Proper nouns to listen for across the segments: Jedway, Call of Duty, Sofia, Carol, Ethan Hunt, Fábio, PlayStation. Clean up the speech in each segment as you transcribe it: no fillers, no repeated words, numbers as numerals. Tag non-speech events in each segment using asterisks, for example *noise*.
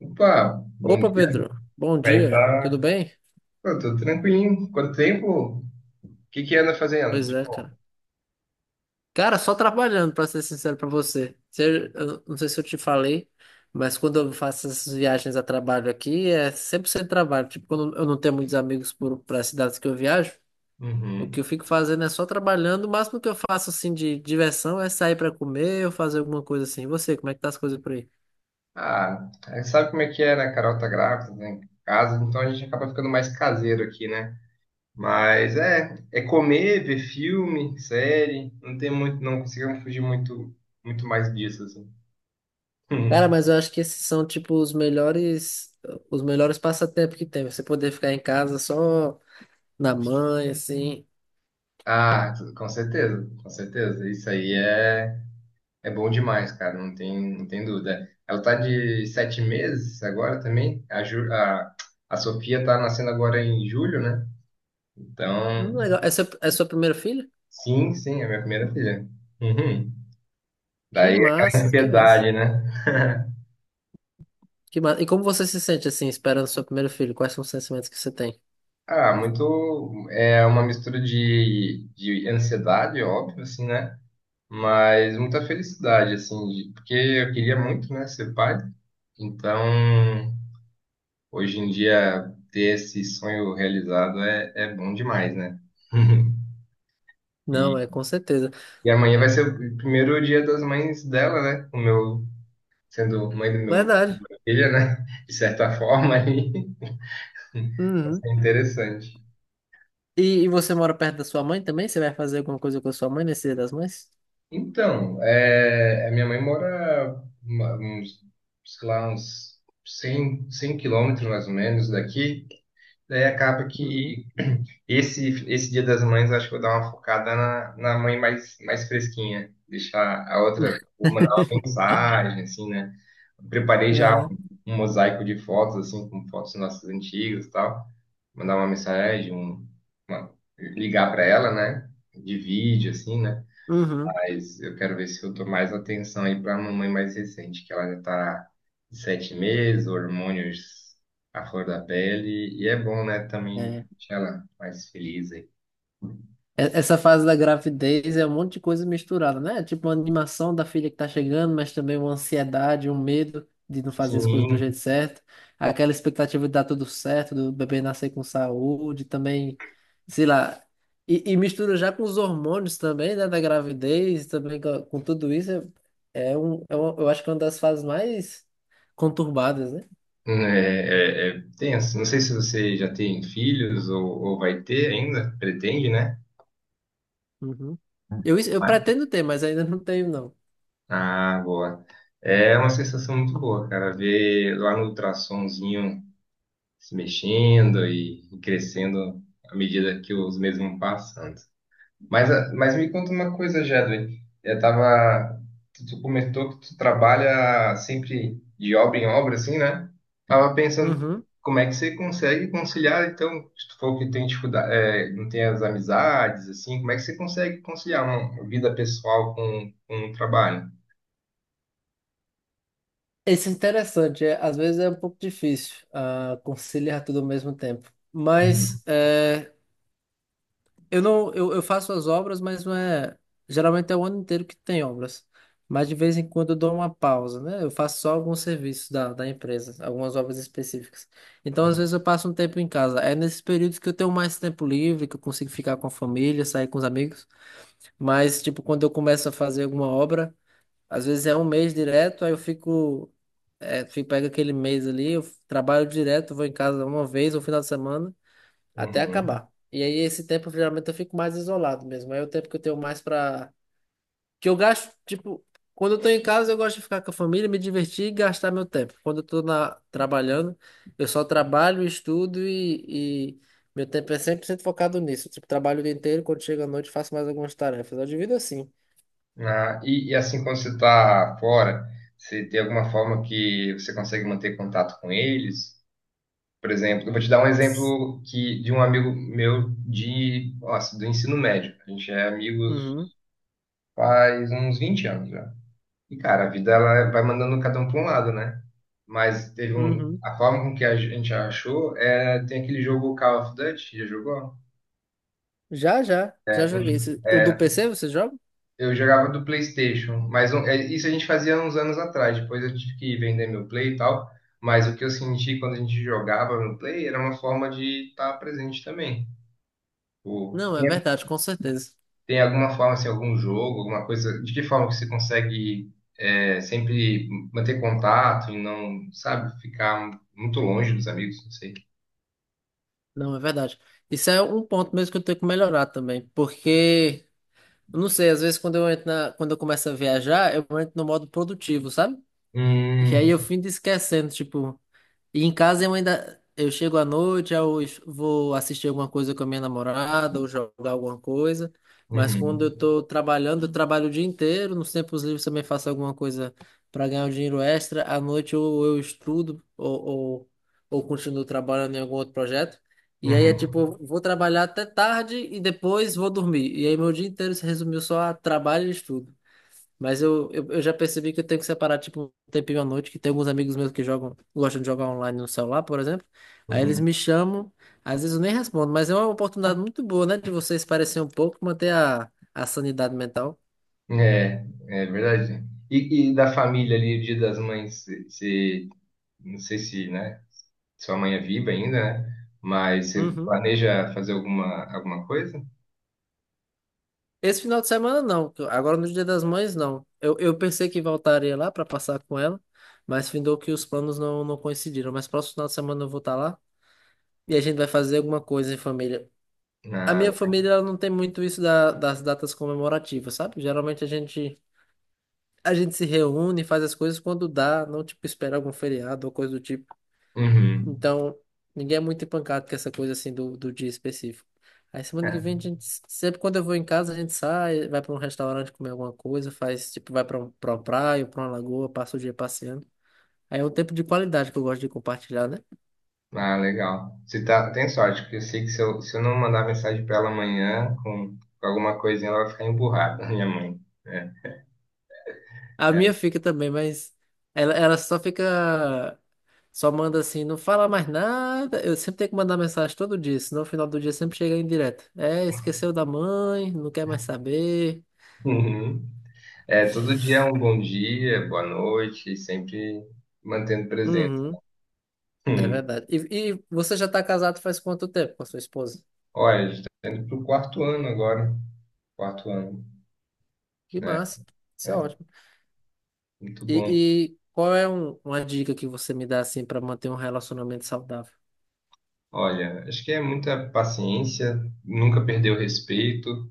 Opa, bom Opa, dia. Pedro. Bom Vai dia. Tudo tá. bem? Pô, tô tranquilinho. Quanto tempo? O que que anda fazendo? Pois De é, bom. cara. Cara, só trabalhando, pra ser sincero pra você. Eu não sei se eu te falei, mas quando eu faço essas viagens a trabalho aqui, é 100% trabalho. Tipo, quando eu não tenho muitos amigos para cidades que eu viajo, o que eu Uhum. fico fazendo é só trabalhando. O máximo que eu faço, assim, de diversão é sair pra comer ou fazer alguma coisa assim. E você, como é que tá as coisas por aí? Ah, aí sabe como é que é, né? A Carol tá grávida, né? Em casa, então a gente acaba ficando mais caseiro aqui, né? Mas é comer, ver filme, série. Não tem muito, não conseguimos fugir muito, muito mais disso, assim. Cara, *laughs* mas eu acho que esses são, tipo, os melhores passatempos que tem. Você poder ficar em casa só na mãe, assim. Ah, com certeza, com certeza. Isso aí é É bom demais, cara, não tem dúvida. Ela tá de sete meses agora também. A Sofia tá nascendo agora em julho, né? Então, Legal. Essa é a sua primeira filha? sim, sim, é minha primeira filha. Uhum. Que Daí é aquela massa, que massa. ansiedade, né? Que massa. E como você se sente assim, esperando seu primeiro filho? Quais são os sentimentos que você tem? Ah, muito. É uma mistura de ansiedade, óbvio, assim, né? Mas muita felicidade, assim, de- porque eu queria muito, né, ser pai. Então, hoje em dia, ter esse sonho realizado é bom demais, né? *laughs* Não, E, é com certeza. e amanhã vai ser o primeiro Dia das Mães dela, né? O meu, sendo mãe do meu Verdade. filho, né? De certa forma, aí *laughs* vai Uhum. ser interessante. E você mora perto da sua mãe também? Você vai fazer alguma coisa com a sua mãe nesse Dia das Mães? Então, é, a minha mãe mora uma- uns, sei lá, uns 100, 100 quilômetros mais ou menos daqui. Daí acaba Uhum. que Esse Dia das Mães, eu acho que eu vou dar uma focada na, na mãe mais, mais fresquinha. Deixar a outra, vou mandar uma *laughs* mensagem, assim, né? Preparei já Uhum. um, um mosaico de fotos, assim, com fotos nossas antigas e tal. Mandar uma mensagem, uma- ligar para ela, né? De vídeo, assim, né? Uhum. Mas eu quero ver se eu dou mais atenção aí para a mamãe mais recente, que ela já tá de sete meses, hormônios à flor da pele. E é bom, né? Também É. deixar ela mais feliz aí. Essa fase da gravidez é um monte de coisa misturada, né? Tipo uma animação da filha que tá chegando, mas também uma ansiedade, um medo de não fazer as coisas do jeito Sim, certo, aquela expectativa de dar tudo certo, do bebê nascer com saúde, também, sei lá. E mistura já com os hormônios também, né? Da gravidez, também com tudo isso. É eu acho que é uma das fases mais conturbadas, né? é, é tenso. Não sei se você já tem filhos ou vai ter ainda, pretende, né? Uhum. Eu Vai. pretendo ter, mas ainda não tenho, não. Ah, boa. É uma sensação muito boa, cara, ver lá no ultrassomzinho se mexendo e crescendo à medida que os meses vão passando. Mas, a- mas me conta uma coisa, Jedway. Eu tava, tu comentou que tu trabalha sempre de obra em obra, assim, né? Tava pensando, Uhum. como é que você consegue conciliar, então, se tu for que tem dificuldade, é, não tem as amizades, assim, como é que você consegue conciliar uma vida pessoal com o trabalho? Isso é interessante, é, às vezes é um pouco difícil conciliar tudo ao mesmo tempo. Uhum. Mas é, eu não, eu faço as obras, mas não é. Geralmente é o ano inteiro que tem obras. Mas de vez em quando eu dou uma pausa, né? Eu faço só alguns serviços da empresa, algumas obras específicas. Então, às vezes, eu passo um tempo em casa. É nesses períodos que eu tenho mais tempo livre, que eu consigo ficar com a família, sair com os amigos. Mas, tipo, quando eu começo a fazer alguma obra. Às vezes é um mês direto, aí eu fico, é, fico, pego aquele mês ali, eu trabalho direto, vou em casa uma vez no final de semana, até Uhum. acabar. E aí esse tempo, geralmente, eu fico mais isolado mesmo. Aí é o tempo que eu tenho mais pra. Que eu gasto, tipo, quando eu tô em casa, eu gosto de ficar com a família, me divertir e gastar meu tempo. Quando eu tô na... trabalhando, eu só trabalho, estudo e meu tempo é 100% focado nisso. Tipo, trabalho o dia inteiro, quando chega à noite, faço mais algumas tarefas. Eu divido assim. Ah, e assim, quando você está fora, você tem alguma forma que você consegue manter contato com eles? Por exemplo, eu vou te dar um exemplo que, de um amigo meu de, nossa, do ensino médio. A gente é amigos Uhum, faz uns 20 anos já. E, cara, a vida ela vai mandando cada um para um lado, né? Mas teve um, uhum. a forma com que a gente achou é, tem aquele jogo Call of Duty, já jogou? Já, já, já joguei. O do É, PC você joga? eu jogava do PlayStation, mas um- é, isso a gente fazia uns anos atrás. Depois eu tive que vender meu Play e tal. Mas o que eu senti quando a gente jogava no Play era uma forma de estar presente também. Tipo, Não, é verdade, com certeza. tem alguma forma, assim, algum jogo, alguma coisa, de que forma que você consegue é, sempre manter contato e não, sabe, ficar muito longe dos amigos, não sei. Não, é verdade. Isso é um ponto mesmo que eu tenho que melhorar também, porque, eu não sei, às vezes quando eu começo a viajar, eu entro no modo produtivo, sabe? E aí Hum, eu fico esquecendo, tipo, e em casa eu ainda. Eu chego à noite, vou assistir alguma coisa com a minha namorada, ou jogar alguma coisa. Mas quando uhum, eu tô trabalhando, eu trabalho o dia inteiro. Nos tempos livres também faço alguma coisa para ganhar um dinheiro extra. À noite ou eu estudo, ou continuo trabalhando em algum outro projeto. E aí é uhum, tipo, eu vou trabalhar até tarde e depois vou dormir. E aí meu dia inteiro se resumiu só a trabalho e estudo. Mas eu já percebi que eu tenho que separar, tipo, um tempinho à noite, que tem alguns amigos meus que jogam, gostam de jogar online no celular, por exemplo. Aí eles uhum. me chamam, às vezes eu nem respondo, mas é uma oportunidade muito boa, né, de vocês parecer um pouco, manter a sanidade mental. É, é verdade. E da família ali, o Dia das Mães, você, não sei se, né, sua mãe é viva ainda, né? Mas você Uhum. planeja fazer alguma, alguma coisa? Esse final de semana não, agora no Dia das Mães não. Eu pensei que voltaria lá para passar com ela, mas findou que os planos não coincidiram. Mas próximo final de semana eu vou estar lá e a gente vai fazer alguma coisa em família. A Na... minha família ela não tem muito isso das datas comemorativas, sabe? Geralmente a gente se reúne, faz as coisas quando dá, não tipo espera algum feriado ou coisa do tipo. Uhum. Então, ninguém é muito empancado com essa coisa assim do dia específico. Aí semana que vem É, a gente sempre quando eu vou em casa, a gente sai, vai para um restaurante comer alguma coisa, faz tipo vai para para uma praia, para uma lagoa, passa o dia passeando. Aí é um tempo de qualidade que eu gosto de compartilhar, né? ah, legal. Você tá, tem sorte, porque eu sei que se eu, se eu não mandar mensagem pra ela amanhã com alguma coisinha, ela vai ficar emburrada, *laughs* minha mãe. É. A minha fica também, mas ela só fica. Só manda assim, não fala mais nada. Eu sempre tenho que mandar mensagem todo dia, senão no final do dia sempre chega em direto. É, esqueceu da mãe, não quer mais saber. Uhum. É, todo dia é um bom dia, boa noite, e sempre mantendo presente. Uhum, é Hum. verdade. E você já tá casado faz quanto tempo com a sua esposa? Olha, a gente tá indo pro quarto ano agora. Quarto ano. Que É, massa, isso é é ótimo. muito bom. E qual é uma dica que você me dá assim para manter um relacionamento saudável? Olha, acho que é muita paciência, nunca perder o respeito.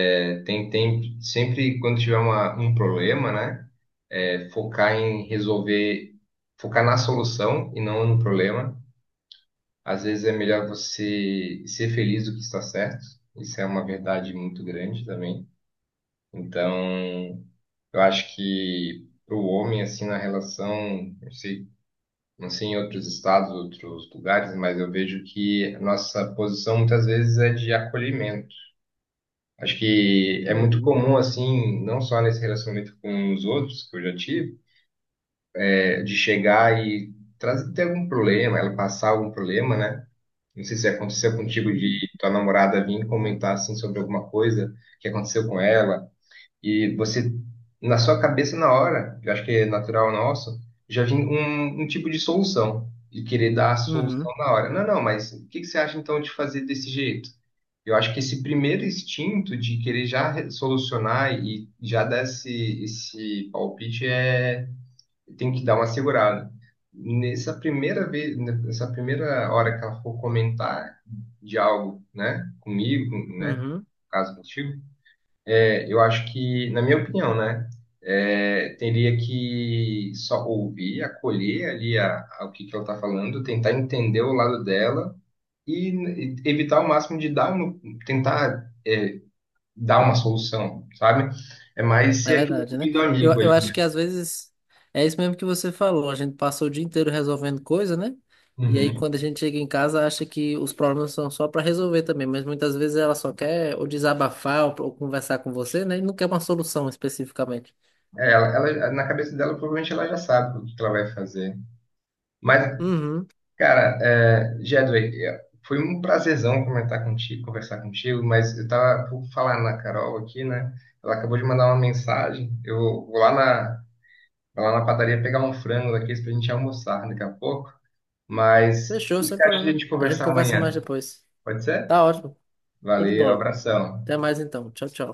É, tem tempo, sempre quando tiver uma, um problema, né? É focar em resolver, focar na solução e não no problema. Às vezes é melhor você ser feliz do que estar certo. Isso é uma verdade muito grande também. Então, eu acho que para o homem, assim, na relação, não sei, não sei em outros estados, outros lugares, mas eu vejo que a nossa posição muitas vezes é de acolhimento. Acho que é muito Uhum, comum, assim, não só nesse relacionamento com os outros que eu já tive, é, de chegar e trazer, ter algum problema, ela passar algum problema, né? Não sei se aconteceu contigo de uhum, tua namorada vir comentar assim sobre alguma coisa que aconteceu com ela e você na sua cabeça na hora, eu acho que é natural nosso, já vem um, um tipo de solução e querer dar a solução uhum, na hora. Não, não, mas o que que você acha então de fazer desse jeito? Eu acho que esse primeiro instinto de querer já re- solucionar e já dar esse, esse palpite é tem que dar uma segurada. Nessa primeira vez, nessa primeira hora que ela for comentar de algo, né, comigo, com- né, uhum. caso contigo, é, eu acho que, na minha opinião, né, é, teria que só ouvir, acolher ali a- o que que ela está falando, tentar entender o lado dela e evitar o máximo de dar, uma- tentar, é, dar uma solução, sabe? É mais É ser aquele verdade, né? ouvido amigo ali, Eu acho né? que às vezes é isso mesmo que você falou. A gente passa o dia inteiro resolvendo coisa, né? E aí Uhum. quando a gente chega em casa, acha que os problemas são só para resolver também, mas muitas vezes ela só quer ou desabafar ou conversar com você, né? E não quer uma solução especificamente. É, ela- na cabeça dela, provavelmente ela já sabe o que que ela vai fazer. Mas, Uhum. cara, é, Jedway, é, foi um prazerzão comentar contigo, conversar contigo, mas eu tava por falar na Carol aqui, né? Ela acabou de mandar uma mensagem. Eu vou lá na, vou lá na padaria pegar um frango daqueles pra gente almoçar daqui a pouco. Mas Fechou, o que sem você acha de a problema. gente A gente conversar conversa mais amanhã? depois. Pode ser? Tá ótimo. Show de Valeu, bola. abração. Até mais então. Tchau, tchau.